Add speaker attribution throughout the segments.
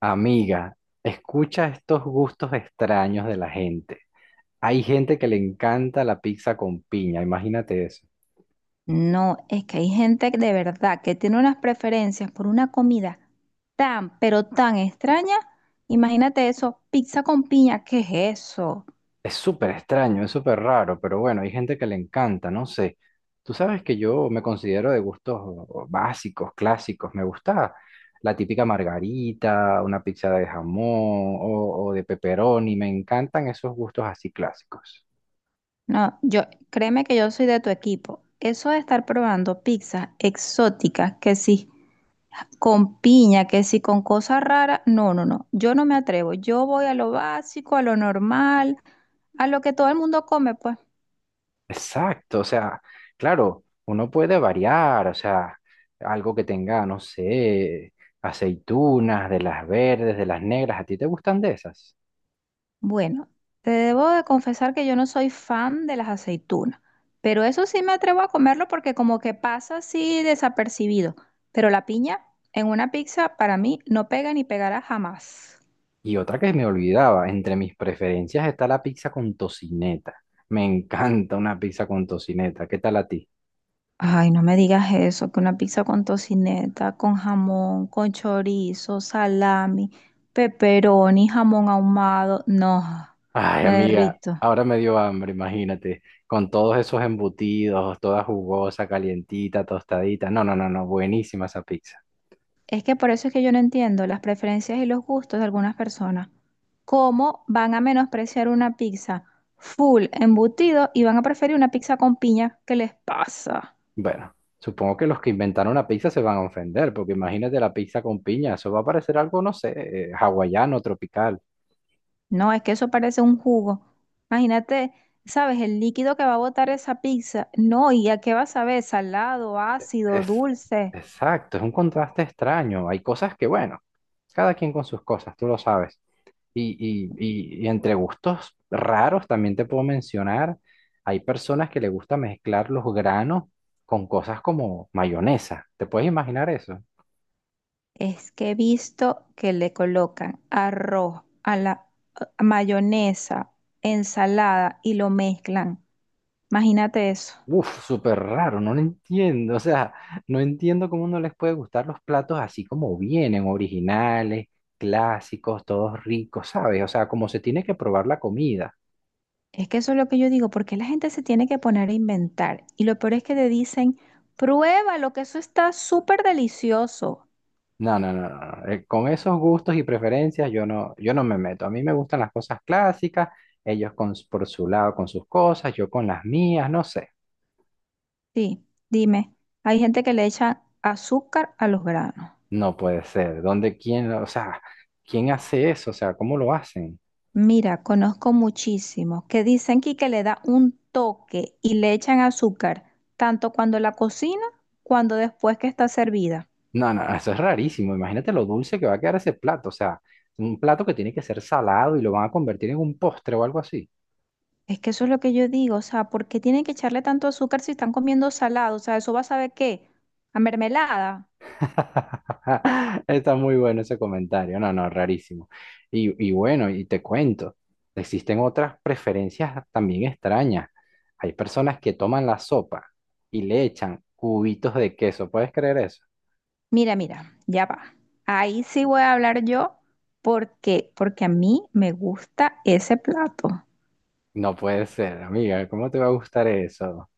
Speaker 1: Amiga, escucha estos gustos extraños de la gente. Hay gente que le encanta la pizza con piña, imagínate eso.
Speaker 2: No, es que hay gente que de verdad que tiene unas preferencias por una comida tan, pero tan extraña. Imagínate eso, pizza con piña, ¿qué es eso?
Speaker 1: Es súper extraño, es súper raro, pero bueno, hay gente que le encanta, no sé. Tú sabes que yo me considero de gustos básicos, clásicos. Me gusta la típica margarita, una pizza de jamón o de pepperoni. Me encantan esos gustos así clásicos.
Speaker 2: No, yo, créeme que yo soy de tu equipo. Eso de estar probando pizzas exóticas, que sí, con piña, que sí, con cosas raras, no, no, no, yo no me atrevo. Yo voy a lo básico, a lo normal, a lo que todo el mundo come, pues.
Speaker 1: Exacto, o sea, claro, uno puede variar, o sea, algo que tenga, no sé, aceitunas, de las verdes, de las negras, ¿a ti te gustan de esas?
Speaker 2: Bueno, te debo de confesar que yo no soy fan de las aceitunas, pero eso sí me atrevo a comerlo porque como que pasa así desapercibido. Pero la piña en una pizza para mí no pega ni pegará jamás.
Speaker 1: Y otra que me olvidaba, entre mis preferencias está la pizza con tocineta. Me encanta una pizza con tocineta, ¿qué tal a ti?
Speaker 2: Ay, no me digas eso, que una pizza con tocineta, con jamón, con chorizo, salami, pepperoni, jamón ahumado, no,
Speaker 1: Ay,
Speaker 2: me
Speaker 1: amiga,
Speaker 2: derrito.
Speaker 1: ahora me dio hambre, imagínate, con todos esos embutidos, toda jugosa, calientita, tostadita. No, no, no, no, buenísima esa pizza.
Speaker 2: Es que por eso es que yo no entiendo las preferencias y los gustos de algunas personas. ¿Cómo van a menospreciar una pizza full embutido y van a preferir una pizza con piña? ¿Qué les pasa?
Speaker 1: Bueno, supongo que los que inventaron la pizza se van a ofender, porque imagínate la pizza con piña, eso va a parecer algo, no sé, hawaiano, tropical.
Speaker 2: No, es que eso parece un jugo. Imagínate, ¿sabes? El líquido que va a botar esa pizza. No, ¿y a qué vas a ver? ¿Salado, ácido,
Speaker 1: Es,
Speaker 2: dulce?
Speaker 1: exacto, es un contraste extraño. Hay cosas que, bueno, cada quien con sus cosas, tú lo sabes. Y, y entre gustos raros también te puedo mencionar, hay personas que le gusta mezclar los granos con cosas como mayonesa. ¿Te puedes imaginar eso?
Speaker 2: Es que he visto que le colocan arroz a mayonesa, ensalada y lo mezclan. Imagínate eso.
Speaker 1: Uf, súper raro, no lo entiendo. O sea, no entiendo cómo no les puede gustar los platos así como vienen, originales, clásicos, todos ricos, ¿sabes? O sea, como se tiene que probar la comida.
Speaker 2: Es que eso es lo que yo digo, porque la gente se tiene que poner a inventar. Y lo peor es que te dicen, pruébalo, que eso está súper delicioso.
Speaker 1: No, no, no, no. no. Con esos gustos y preferencias yo no me meto. A mí me gustan las cosas clásicas, ellos con, s- por su lado con sus cosas, yo con las mías, no sé.
Speaker 2: Sí, dime, hay gente que le echa azúcar a los granos.
Speaker 1: No puede ser. ¿Dónde quién, o sea, quién hace eso? O sea, ¿cómo lo hacen?
Speaker 2: Mira, conozco muchísimos que dicen que le da un toque y le echan azúcar, tanto cuando la cocina, cuando después que está servida.
Speaker 1: No, no, eso es rarísimo. Imagínate lo dulce que va a quedar ese plato. O sea, un plato que tiene que ser salado y lo van a convertir en un postre o algo así.
Speaker 2: Es que eso es lo que yo digo, o sea, ¿por qué tienen que echarle tanto azúcar si están comiendo salado? O sea, ¿eso va a saber qué? ¿A mermelada?
Speaker 1: Está muy bueno ese comentario. No, no, rarísimo. Y bueno, y te cuento, existen otras preferencias también extrañas. Hay personas que toman la sopa y le echan cubitos de queso. ¿Puedes creer eso?
Speaker 2: Mira, mira, ya va. Ahí sí voy a hablar yo porque a mí me gusta ese plato.
Speaker 1: No puede ser, amiga. ¿Cómo te va a gustar eso?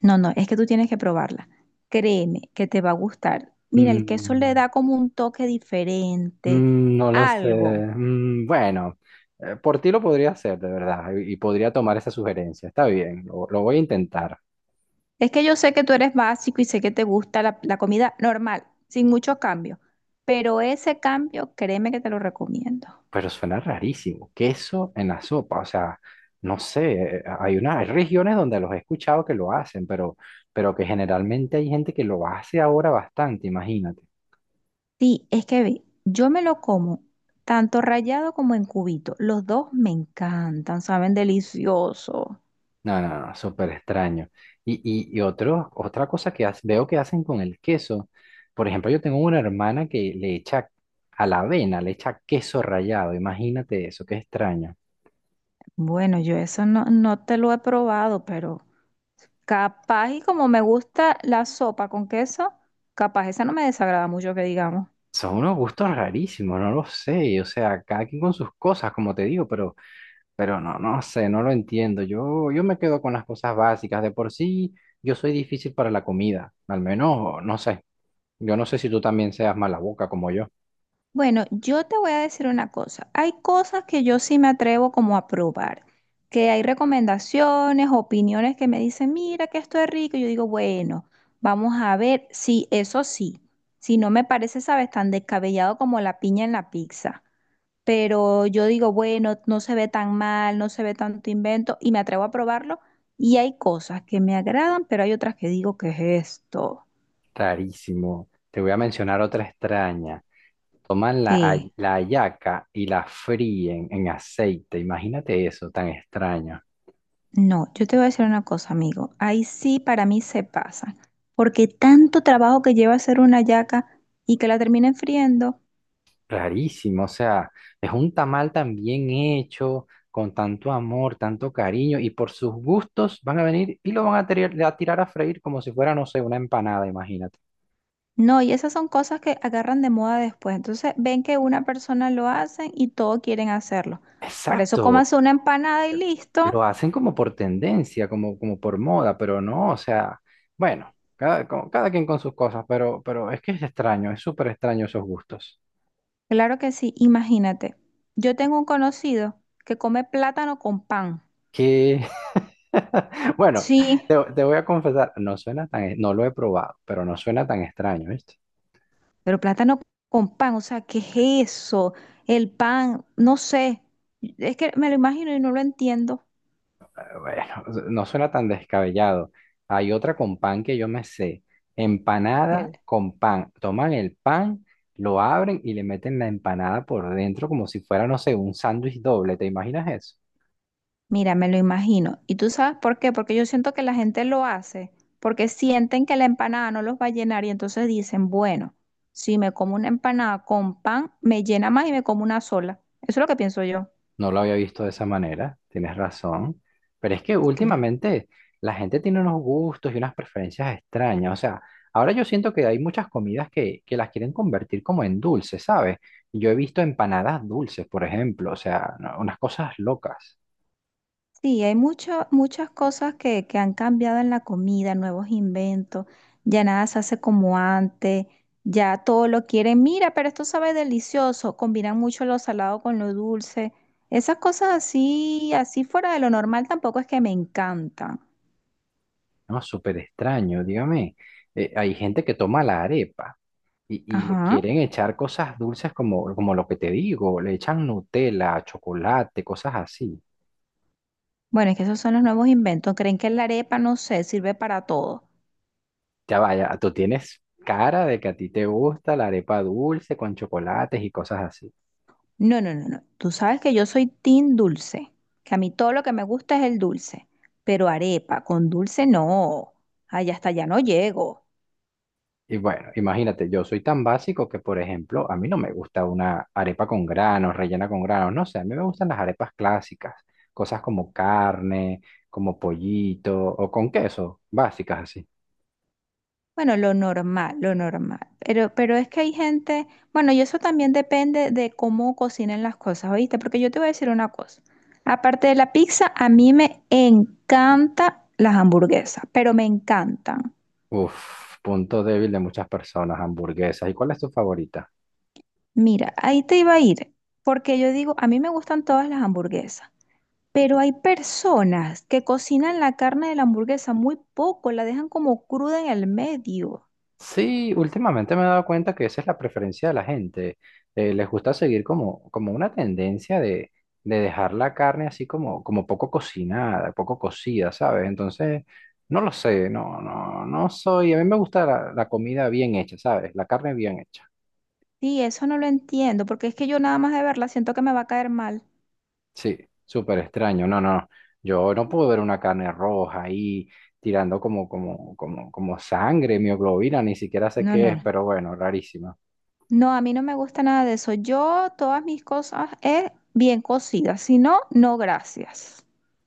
Speaker 2: No, no, es que tú tienes que probarla. Créeme que te va a gustar. Mira, el queso le
Speaker 1: Mm.
Speaker 2: da como un toque diferente,
Speaker 1: Mm, no lo sé.
Speaker 2: algo.
Speaker 1: Mm, bueno, por ti lo podría hacer, de verdad, y podría tomar esa sugerencia. Está bien, lo voy a intentar,
Speaker 2: Es que yo sé que tú eres básico y sé que te gusta la comida normal, sin muchos cambios, pero ese cambio, créeme que te lo recomiendo.
Speaker 1: pero suena rarísimo. Queso en la sopa, o sea, no sé, hay una, hay regiones donde los he escuchado que lo hacen, pero que generalmente hay gente que lo hace ahora bastante, imagínate.
Speaker 2: Sí, es que ve, yo me lo como tanto rallado como en cubito. Los dos me encantan, saben delicioso.
Speaker 1: No, no, no, súper extraño. Y otro, otra cosa que hace- veo que hacen con el queso. Por ejemplo, yo tengo una hermana que le echa a la avena, le echa queso rallado. Imagínate eso, qué extraño.
Speaker 2: Bueno, yo eso no te lo he probado, pero capaz y como me gusta la sopa con queso, capaz esa no me desagrada mucho que digamos.
Speaker 1: Son unos gustos rarísimos, no lo sé. O sea, cada quien con sus cosas, como te digo, pero no, no sé, no lo entiendo. Yo me quedo con las cosas básicas. De por sí, yo soy difícil para la comida. Al menos, no sé. Yo no sé si tú también seas mala boca como yo.
Speaker 2: Bueno, yo te voy a decir una cosa. Hay cosas que yo sí me atrevo como a probar, que hay recomendaciones, opiniones que me dicen, mira que esto es rico. Yo digo, bueno, vamos a ver si eso sí, si no me parece, sabes, tan descabellado como la piña en la pizza. Pero yo digo, bueno, no se ve tan mal, no se ve tanto invento y me atrevo a probarlo. Y hay cosas que me agradan, pero hay otras que digo, ¿qué es esto?
Speaker 1: Rarísimo. Te voy a mencionar otra extraña. Toman la, hay-
Speaker 2: ¿Qué?
Speaker 1: la hallaca y la fríen en aceite. Imagínate eso, tan extraño.
Speaker 2: No, yo te voy a decir una cosa, amigo. Ahí sí para mí se pasa. Porque tanto trabajo que lleva hacer una yaca y que la terminen friendo.
Speaker 1: Rarísimo. O sea, es un tamal tan bien hecho, con tanto amor, tanto cariño, y por sus gustos van a venir y lo van a tirar, a tirar a freír como si fuera, no sé, una empanada, imagínate.
Speaker 2: No, y esas son cosas que agarran de moda después. Entonces ven que una persona lo hace y todos quieren hacerlo. Para eso
Speaker 1: Exacto.
Speaker 2: cómase una empanada y listo.
Speaker 1: Lo hacen como por tendencia, como, como por moda, pero no, o sea, bueno, cada, co- cada quien con sus cosas, pero es que es extraño, es súper extraño esos gustos.
Speaker 2: Claro que sí, imagínate. Yo tengo un conocido que come plátano con pan.
Speaker 1: Que, bueno,
Speaker 2: Sí.
Speaker 1: te voy a confesar, no suena tan, e, no lo he probado, pero no suena tan extraño, ¿viste?
Speaker 2: Pero plátano con pan, o sea, ¿qué es eso? El pan, no sé. Es que me lo imagino y no lo entiendo.
Speaker 1: Bueno, no suena tan descabellado. Hay otra con pan que yo me sé, empanada
Speaker 2: El-
Speaker 1: con pan. Toman el pan, lo abren y le meten la empanada por dentro como si fuera, no sé, un sándwich doble, ¿te imaginas eso?
Speaker 2: Mira, me lo imagino. ¿Y tú sabes por qué? Porque yo siento que la gente lo hace, porque sienten que la empanada no los va a llenar y entonces dicen, bueno, si me como una empanada con pan, me llena más y me como una sola. Eso es lo que pienso yo.
Speaker 1: No lo había visto de esa manera, tienes razón. Pero es que
Speaker 2: Claro.
Speaker 1: últimamente la gente tiene unos gustos y unas preferencias extrañas. O sea, ahora yo siento que hay muchas comidas que las quieren convertir como en dulces, ¿sabes? Yo he visto empanadas dulces, por ejemplo. O sea, no- unas cosas locas,
Speaker 2: Sí, hay mucho- muchas cosas que han cambiado en la comida, nuevos inventos, ya nada se hace como antes, ya todo lo quieren, mira, pero esto sabe delicioso, combinan mucho lo salado con lo dulce, esas cosas así, así fuera de lo normal tampoco es que me encantan.
Speaker 1: ¿no? Súper extraño, dígame. Hay gente que toma la arepa y le
Speaker 2: Ajá,
Speaker 1: quieren echar cosas dulces como, como lo que te digo. Le echan Nutella, chocolate, cosas así.
Speaker 2: bueno, es que esos son los nuevos inventos, creen que la arepa, no sé, sirve para todo.
Speaker 1: Ya vaya, tú tienes cara de que a ti te gusta la arepa dulce con chocolates y cosas así.
Speaker 2: No, no, no, no. Tú sabes que yo soy team dulce, que a mí todo lo que me gusta es el dulce, pero arepa con dulce no. Ay, hasta allá no llego.
Speaker 1: Y bueno, imagínate, yo soy tan básico que, por ejemplo, a mí no me gusta una arepa con granos, rellena con granos, no sé, a mí me gustan las arepas clásicas, cosas como carne, como pollito o con queso, básicas así.
Speaker 2: Bueno, lo normal, lo normal. Pero es que hay gente, bueno, y eso también depende de cómo cocinen las cosas, ¿oíste? Porque yo te voy a decir una cosa. Aparte de la pizza, a mí me encantan las hamburguesas, pero me encantan.
Speaker 1: Uf, punto débil de muchas personas, hamburguesas. ¿Y cuál es tu favorita?
Speaker 2: Mira, ahí te iba a ir, porque yo digo, a mí me gustan todas las hamburguesas. Pero hay personas que cocinan la carne de la hamburguesa muy poco, la dejan como cruda en el medio.
Speaker 1: Sí, últimamente me he dado cuenta que esa es la preferencia de la gente. Les gusta seguir como, como una tendencia de dejar la carne así como, como poco cocinada, poco cocida, ¿sabes? Entonces, no lo sé, no, no, no soy. A mí me gusta la, la comida bien hecha, ¿sabes? La carne bien hecha.
Speaker 2: Sí, eso no lo entiendo, porque es que yo nada más de verla siento que me va a caer mal.
Speaker 1: Sí, súper extraño. No, no, yo no puedo ver una carne roja ahí tirando como, como, como, como sangre, mioglobina, ni siquiera sé
Speaker 2: No,
Speaker 1: qué es,
Speaker 2: no.
Speaker 1: pero bueno, rarísima.
Speaker 2: No, a mí no me gusta nada de eso. Yo todas mis cosas es bien cocidas, si no, no gracias.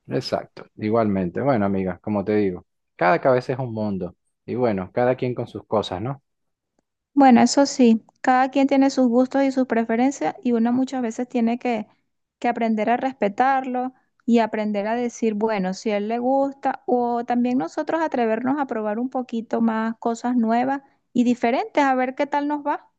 Speaker 1: Exacto, igualmente. Bueno, amiga, como te digo, cada cabeza es un mundo. Y bueno, cada quien con sus cosas, ¿no?
Speaker 2: Bueno, eso sí, cada quien tiene sus gustos y sus preferencias y uno muchas veces tiene que aprender a respetarlo y aprender a decir, bueno, si a él le gusta, o también nosotros atrevernos a probar un poquito más cosas nuevas y diferentes, a ver qué tal nos va.